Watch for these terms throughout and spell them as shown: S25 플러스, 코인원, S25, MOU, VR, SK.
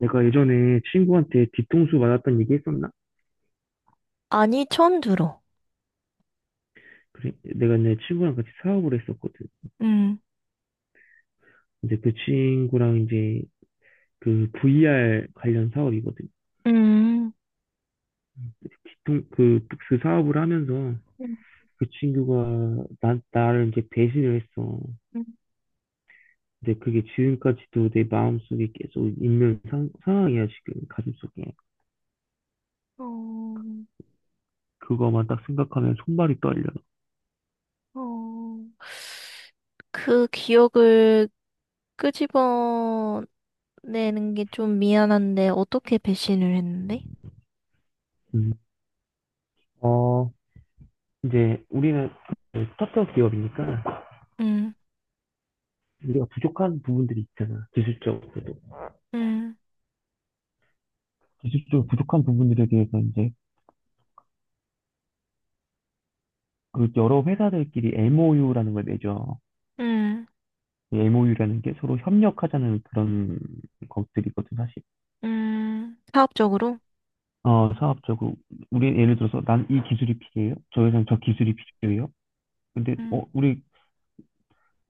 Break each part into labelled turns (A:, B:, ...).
A: 내가 예전에 친구한테 뒤통수 맞았던 얘기 했었나?
B: 아니, 처음 들어.
A: 그래, 내가 내 친구랑 같이 사업을 했었거든.
B: 음.
A: 근데 그 친구랑 이제 그 VR 관련 사업이거든.
B: 음,
A: 그 사업을 하면서
B: 음,
A: 그 친구가 나를 이제 배신을 했어.
B: 음.
A: 근데 그게 지금까지도 내 마음속에 계속 있는 상황이야, 지금 가슴속에.
B: 어,
A: 그거만 딱 생각하면 손발이 떨려.
B: 어. 그 기억을 끄집어내는 게 좀 미안한데, 어떻게 배신을 했는데?
A: 음. 어, 이제 우리는 스타트업 기업이니까
B: 음,
A: 우리가 부족한 부분들이 있잖아, 기술적으로.
B: 음,
A: 기술적으로 부족한 부분들에 대해서 이제 그 여러 회사들끼리 MOU라는 걸 내죠.
B: 음,
A: MOU라는 게 서로 협력하자는 그런 것들이거든, 사실.
B: 사업적으로?
A: 어, 사업적으로 우리 예를 들어서 난 이 기술이 필요해요. 저 회사는 저 기술이 필요해요. 근데
B: 음,
A: 우리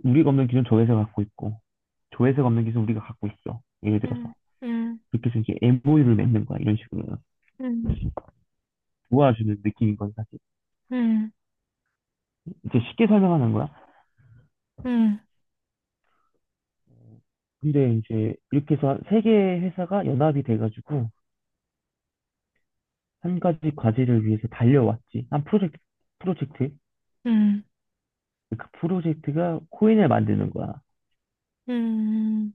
A: 우리가 없는 기술은 저 회사가 갖고 있고, 저 회사가 없는 기술은 우리가 갖고 있어. 예를
B: 음,
A: 들어서
B: 음,
A: 그렇게 해서 이제 MOU를 맺는 거야, 이런 식으로.
B: 음,
A: 도와주는 느낌인 건 사실.
B: 음,
A: 이제 쉽게 설명하는 거야.
B: 음,
A: 근데 이제 이렇게 해서 세 개의 회사가 연합이 돼가지고 한 가지 과제를 위해서 달려왔지. 한 프로젝트.
B: 음,
A: 그 프로젝트가 코인을 만드는 거야.
B: 음.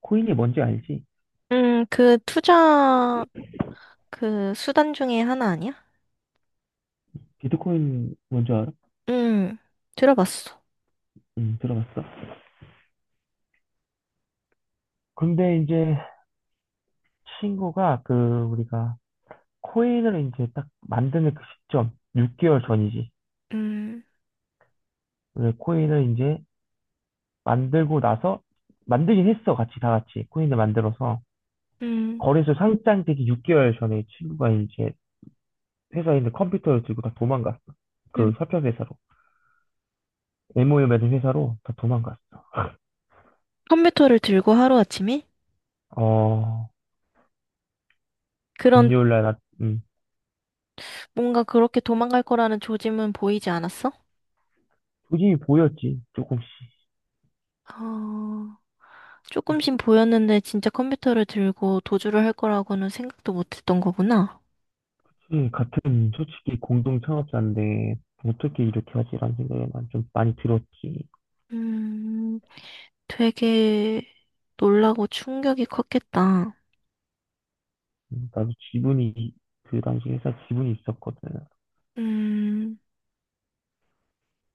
A: 코인이 뭔지 알지?
B: 그 투자, 그 수단 중에 하나 아니야?
A: 비트코인 뭔지 알아?
B: 음, 들어봤어.
A: 응, 들어봤어. 근데 이제 친구가 그 우리가 코인을 이제 딱 만드는 그 시점, 6개월 전이지.
B: 음,
A: 왜 코인을 이제 만들고 나서 만들긴 했어. 같이 다 같이 코인을 만들어서
B: 음,
A: 거래소 상장되기 6개월 전에 친구가 이제 회사에 있는 컴퓨터를 들고 다 도망갔어. 그
B: 음.
A: 협력 회사로. MOU 맺은 회사로 다 도망갔어.
B: 컴퓨터를 들고 하루아침에?
A: 어,
B: 그런
A: 금요일 날, 나,
B: 뭔가 그렇게 도망갈 거라는 조짐은 보이지 않았어?
A: 조짐이 보였지, 조금씩.
B: 어, 조금씩 보였는데 진짜 컴퓨터를 들고 도주를 할 거라고는 생각도 못했던 거구나.
A: 솔직히 공동 창업자인데, 어떻게 이렇게 하지라는 생각이 난 좀 많이 들었지.
B: 음, 되게 놀라고 충격이 컸겠다.
A: 나도 지분이, 그 당시 회사 지분이 있었거든.
B: 음,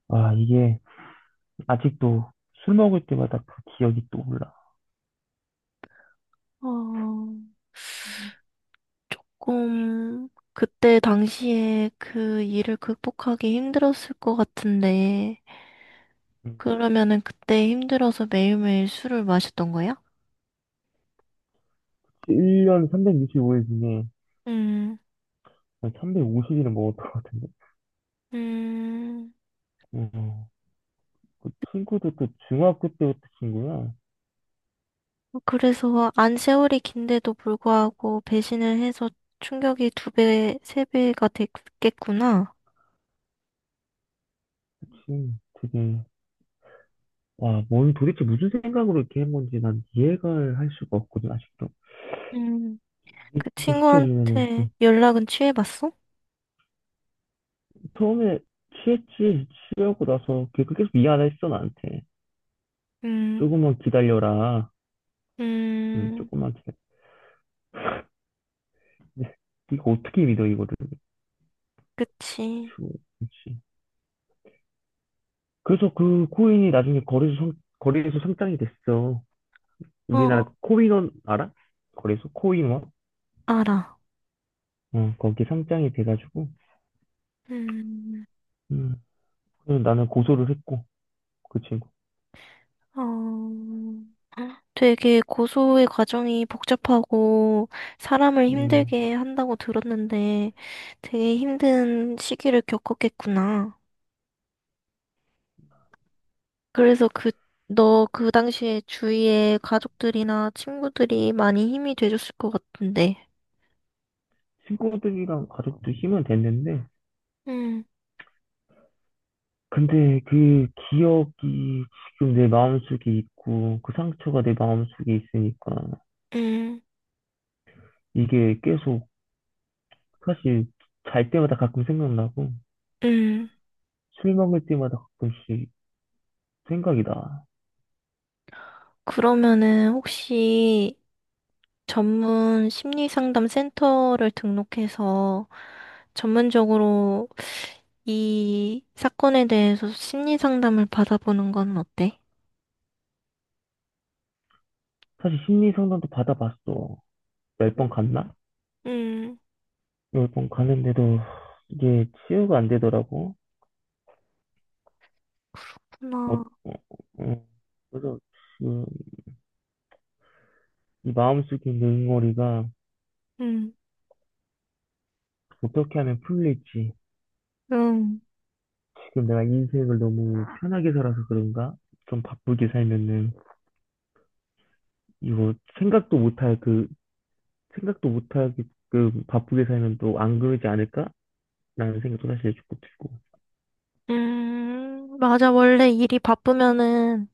A: 아, 이게, 아직도 술 먹을 때마다 그 기억이 떠올라.
B: 어, 조금 그때 당시에 그 일을 극복하기 힘들었을 것 같은데,
A: 음,
B: 그러면은 그때 힘들어서 매일매일 술을 마셨던 거야?
A: 1년 365일 중에
B: 음,
A: 350일을 먹었던 것 같은데.
B: 음.
A: 음, 그 친구도 또 중학교 때부터 친구야.
B: 그래서 안 세월이 긴데도 불구하고 배신을 해서 충격이 두 배, 세 배가 됐겠구나.
A: 그치. 되게 와, 뭘 도대체 무슨 생각으로 이렇게 한 건지 난 이해가 할 수가 없거든, 아직도.
B: 음,
A: 이해
B: 그
A: 좀 시켜주면은.
B: 친구한테
A: 응.
B: 연락은 취해봤어?
A: 처음에 취했지, 취하고 나서 계속 계속 미안했어, 나한테.
B: 음,
A: 조금만 기다려라. 응,
B: 음,
A: 조금만 기다려. 근데 이거 어떻게 믿어, 이거를.
B: 그치.
A: 휴, 그지. 그래서 그 코인이 나중에 거래소 상장이 됐어. 우리나라
B: 어,
A: 그 코인원 알아? 거래소 코인원?
B: 알아.
A: 응, 거기 상장이 돼가지고.
B: 음,
A: 음, 그래서 나는 고소를 했고, 그 친구.
B: 어, 되게 고소의 과정이 복잡하고 사람을
A: 음.
B: 힘들게 한다고 들었는데 되게 힘든 시기를 겪었겠구나. 그래서 너 그 당시에 주위에 가족들이나 친구들이 많이 힘이 돼줬을 것 같은데.
A: 친구들이랑 가족도 힘은 됐는데,
B: 음,
A: 근데 그 기억이 지금 내 마음속에 있고, 그 상처가 내 마음속에 있으니까,
B: 음.
A: 이게 계속, 사실 잘 때마다 가끔 생각나고,
B: 음,
A: 술 먹을 때마다 가끔씩 생각이 나.
B: 그러면은 혹시 전문 심리 상담 센터를 등록해서 전문적으로 이 사건에 대해서 심리 상담을 받아보는 건 어때?
A: 사실 심리 상담도 받아봤어. 10번
B: 음,
A: 갔나?
B: 음,
A: 10번 가는데도 이게 치유가 안 되더라고. 어,
B: 그렇구나.
A: 어, 어. 그래서 지금 이 마음속에 있는 응어리가
B: 음,
A: 어떻게 하면 풀릴지,
B: 음.
A: 지금 내가 인생을 너무 편하게 살아서 그런가? 좀 바쁘게 살면은 이거 생각도 못할 그 생각도 못하게끔 바쁘게 살면 또 안 그러지 않을까? 라는 생각도 사실 조금 들고.
B: 맞아. 원래 일이 바쁘면은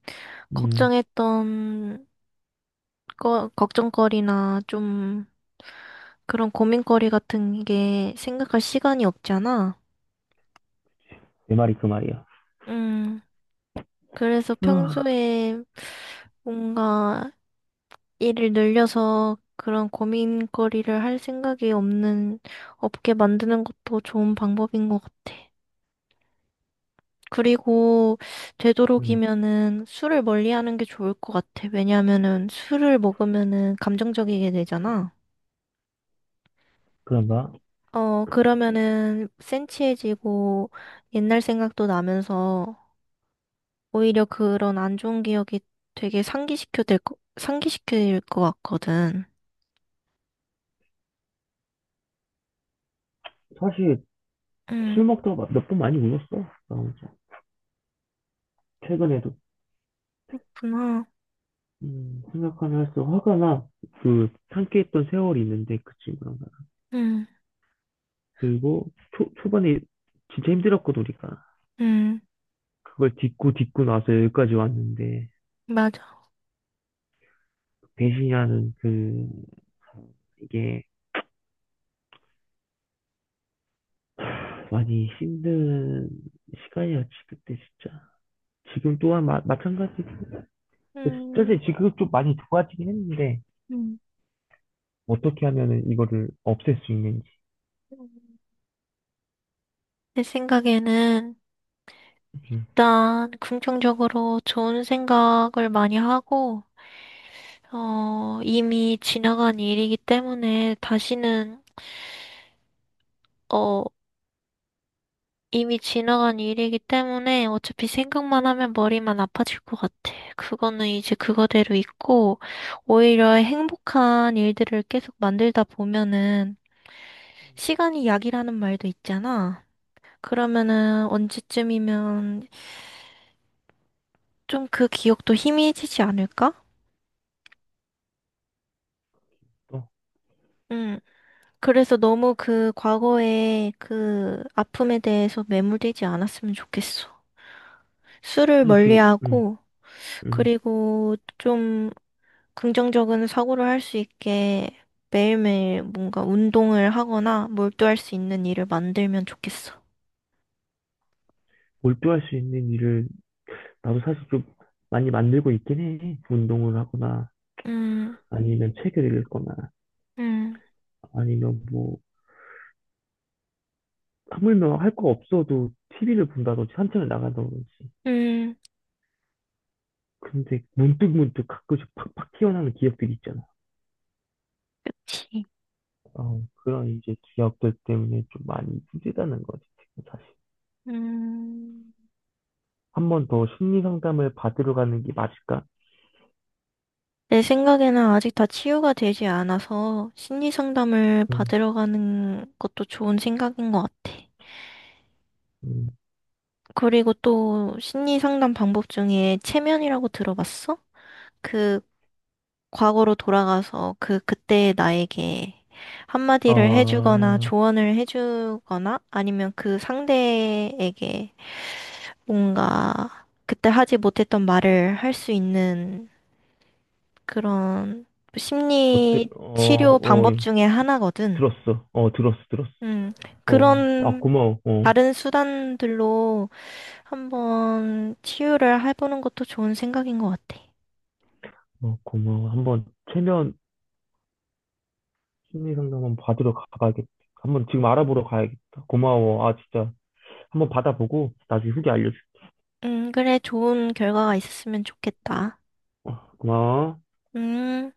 A: 음,
B: 걱정했던 걱정거리나 좀 그런 고민거리 같은 게 생각할 시간이 없잖아.
A: 내 말이 그 말이야.
B: 음, 그래서
A: 아,
B: 평소에 뭔가 일을 늘려서 그런 고민거리를 할 생각이 없는 업계 만드는 것도 좋은 방법인 것 같아. 그리고
A: 음,
B: 되도록이면은 술을 멀리하는 게 좋을 것 같아. 왜냐하면은 술을 먹으면은 감정적이게 되잖아.
A: 그런가?
B: 어, 그러면은 센치해지고 옛날 생각도 나면서 오히려 그런 안 좋은 기억이 되게 상기시킬 것 같거든.
A: 사실 술
B: 응,
A: 먹다가 몇 번 많이 울었어. 나 혼자. 최근에도.
B: 그렇구나.
A: 생각하면 할수록 화가 나. 그 함께 했던 세월이 있는데 그 친구랑 나랑.
B: 응,
A: 그리고 초반에 진짜 힘들었거든 우리가.
B: 응,
A: 그걸 딛고 딛고 나서 여기까지 왔는데
B: 맞아.
A: 배신이라는 그, 이게 많이 힘든 시간이었지 그때 진짜. 지금 또한 마찬가지. 사실
B: 음,
A: 지금 좀 많이 좋아지긴 했는데
B: 음.
A: 어떻게 하면은 이거를 없앨 수 있는지.
B: 내 생각에는
A: 음,
B: 일단 긍정적으로 좋은 생각을 많이 하고 어, 이미 지나간 일이기 때문에 어, 이미 지나간 일이기 때문에 어차피 생각만 하면 머리만 아파질 것 같아. 그거는 이제 그거대로 있고, 오히려 행복한 일들을 계속 만들다 보면은, 시간이 약이라는 말도 있잖아. 그러면은 언제쯤이면 좀 그 기억도 희미해지지 않을까?
A: 또
B: 음. 그래서 너무 그 과거의 그 아픔에 대해서 매몰되지 않았으면 좋겠어. 술을
A: 사실 지금, 음,
B: 멀리하고
A: 음,
B: 그리고 좀 긍정적인 사고를 할 수 있게 매일매일 뭔가 운동을 하거나 몰두할 수 있는 일을 만들면 좋겠어.
A: 몰두할 수 있는 일을 나도 사실 좀 많이 만들고 있긴 해. 운동을 하거나
B: 음,
A: 아니면 책을 읽거나
B: 음,
A: 아니면 뭐 하물며 할 거 없어도 TV를 본다든지 산책을 나간다든지.
B: 음,
A: 근데 문득문득 가끔씩 팍팍 튀어나오는 기억들이 있잖아.
B: 그치.
A: 그런 이제 기억들 때문에 좀 많이 힘들다는 거지, 지금 사실.
B: 음.
A: 한 번 더 심리 상담을 받으러 가는 게 맞을까?
B: 내 생각에는 아직 다 치유가 되지 않아서 심리 상담을
A: 음,
B: 받으러 가는 것도 좋은 생각인 것 같아.
A: 음.
B: 그리고 또 심리 상담 방법 중에 체면이라고 들어봤어? 그 과거로 돌아가서 그때의 나에게 한마디를 해주거나
A: 아,
B: 조언을 해주거나 아니면 그 상대에게 뭔가 그때 하지 못했던 말을 할 수 있는 그런
A: 어때?
B: 심리 치료
A: 어,
B: 방법
A: 예.
B: 중에 하나거든.
A: 들었어. 들었어, 들었어.
B: 음, 그런
A: 고마워.
B: 다른 수단들로 한번 치유를 해보는 것도 좋은 생각인 것 같아.
A: 고마워. 한번 최면 심리 상담 한번 받으러 가봐야겠다. 한 번 지금 알아보러 가야겠다. 고마워. 아, 진짜. 한번 받아보고 나중에 후기 알려줄게.
B: 그래, 좋은 결과가 있었으면 좋겠다.
A: 고마워.
B: 음,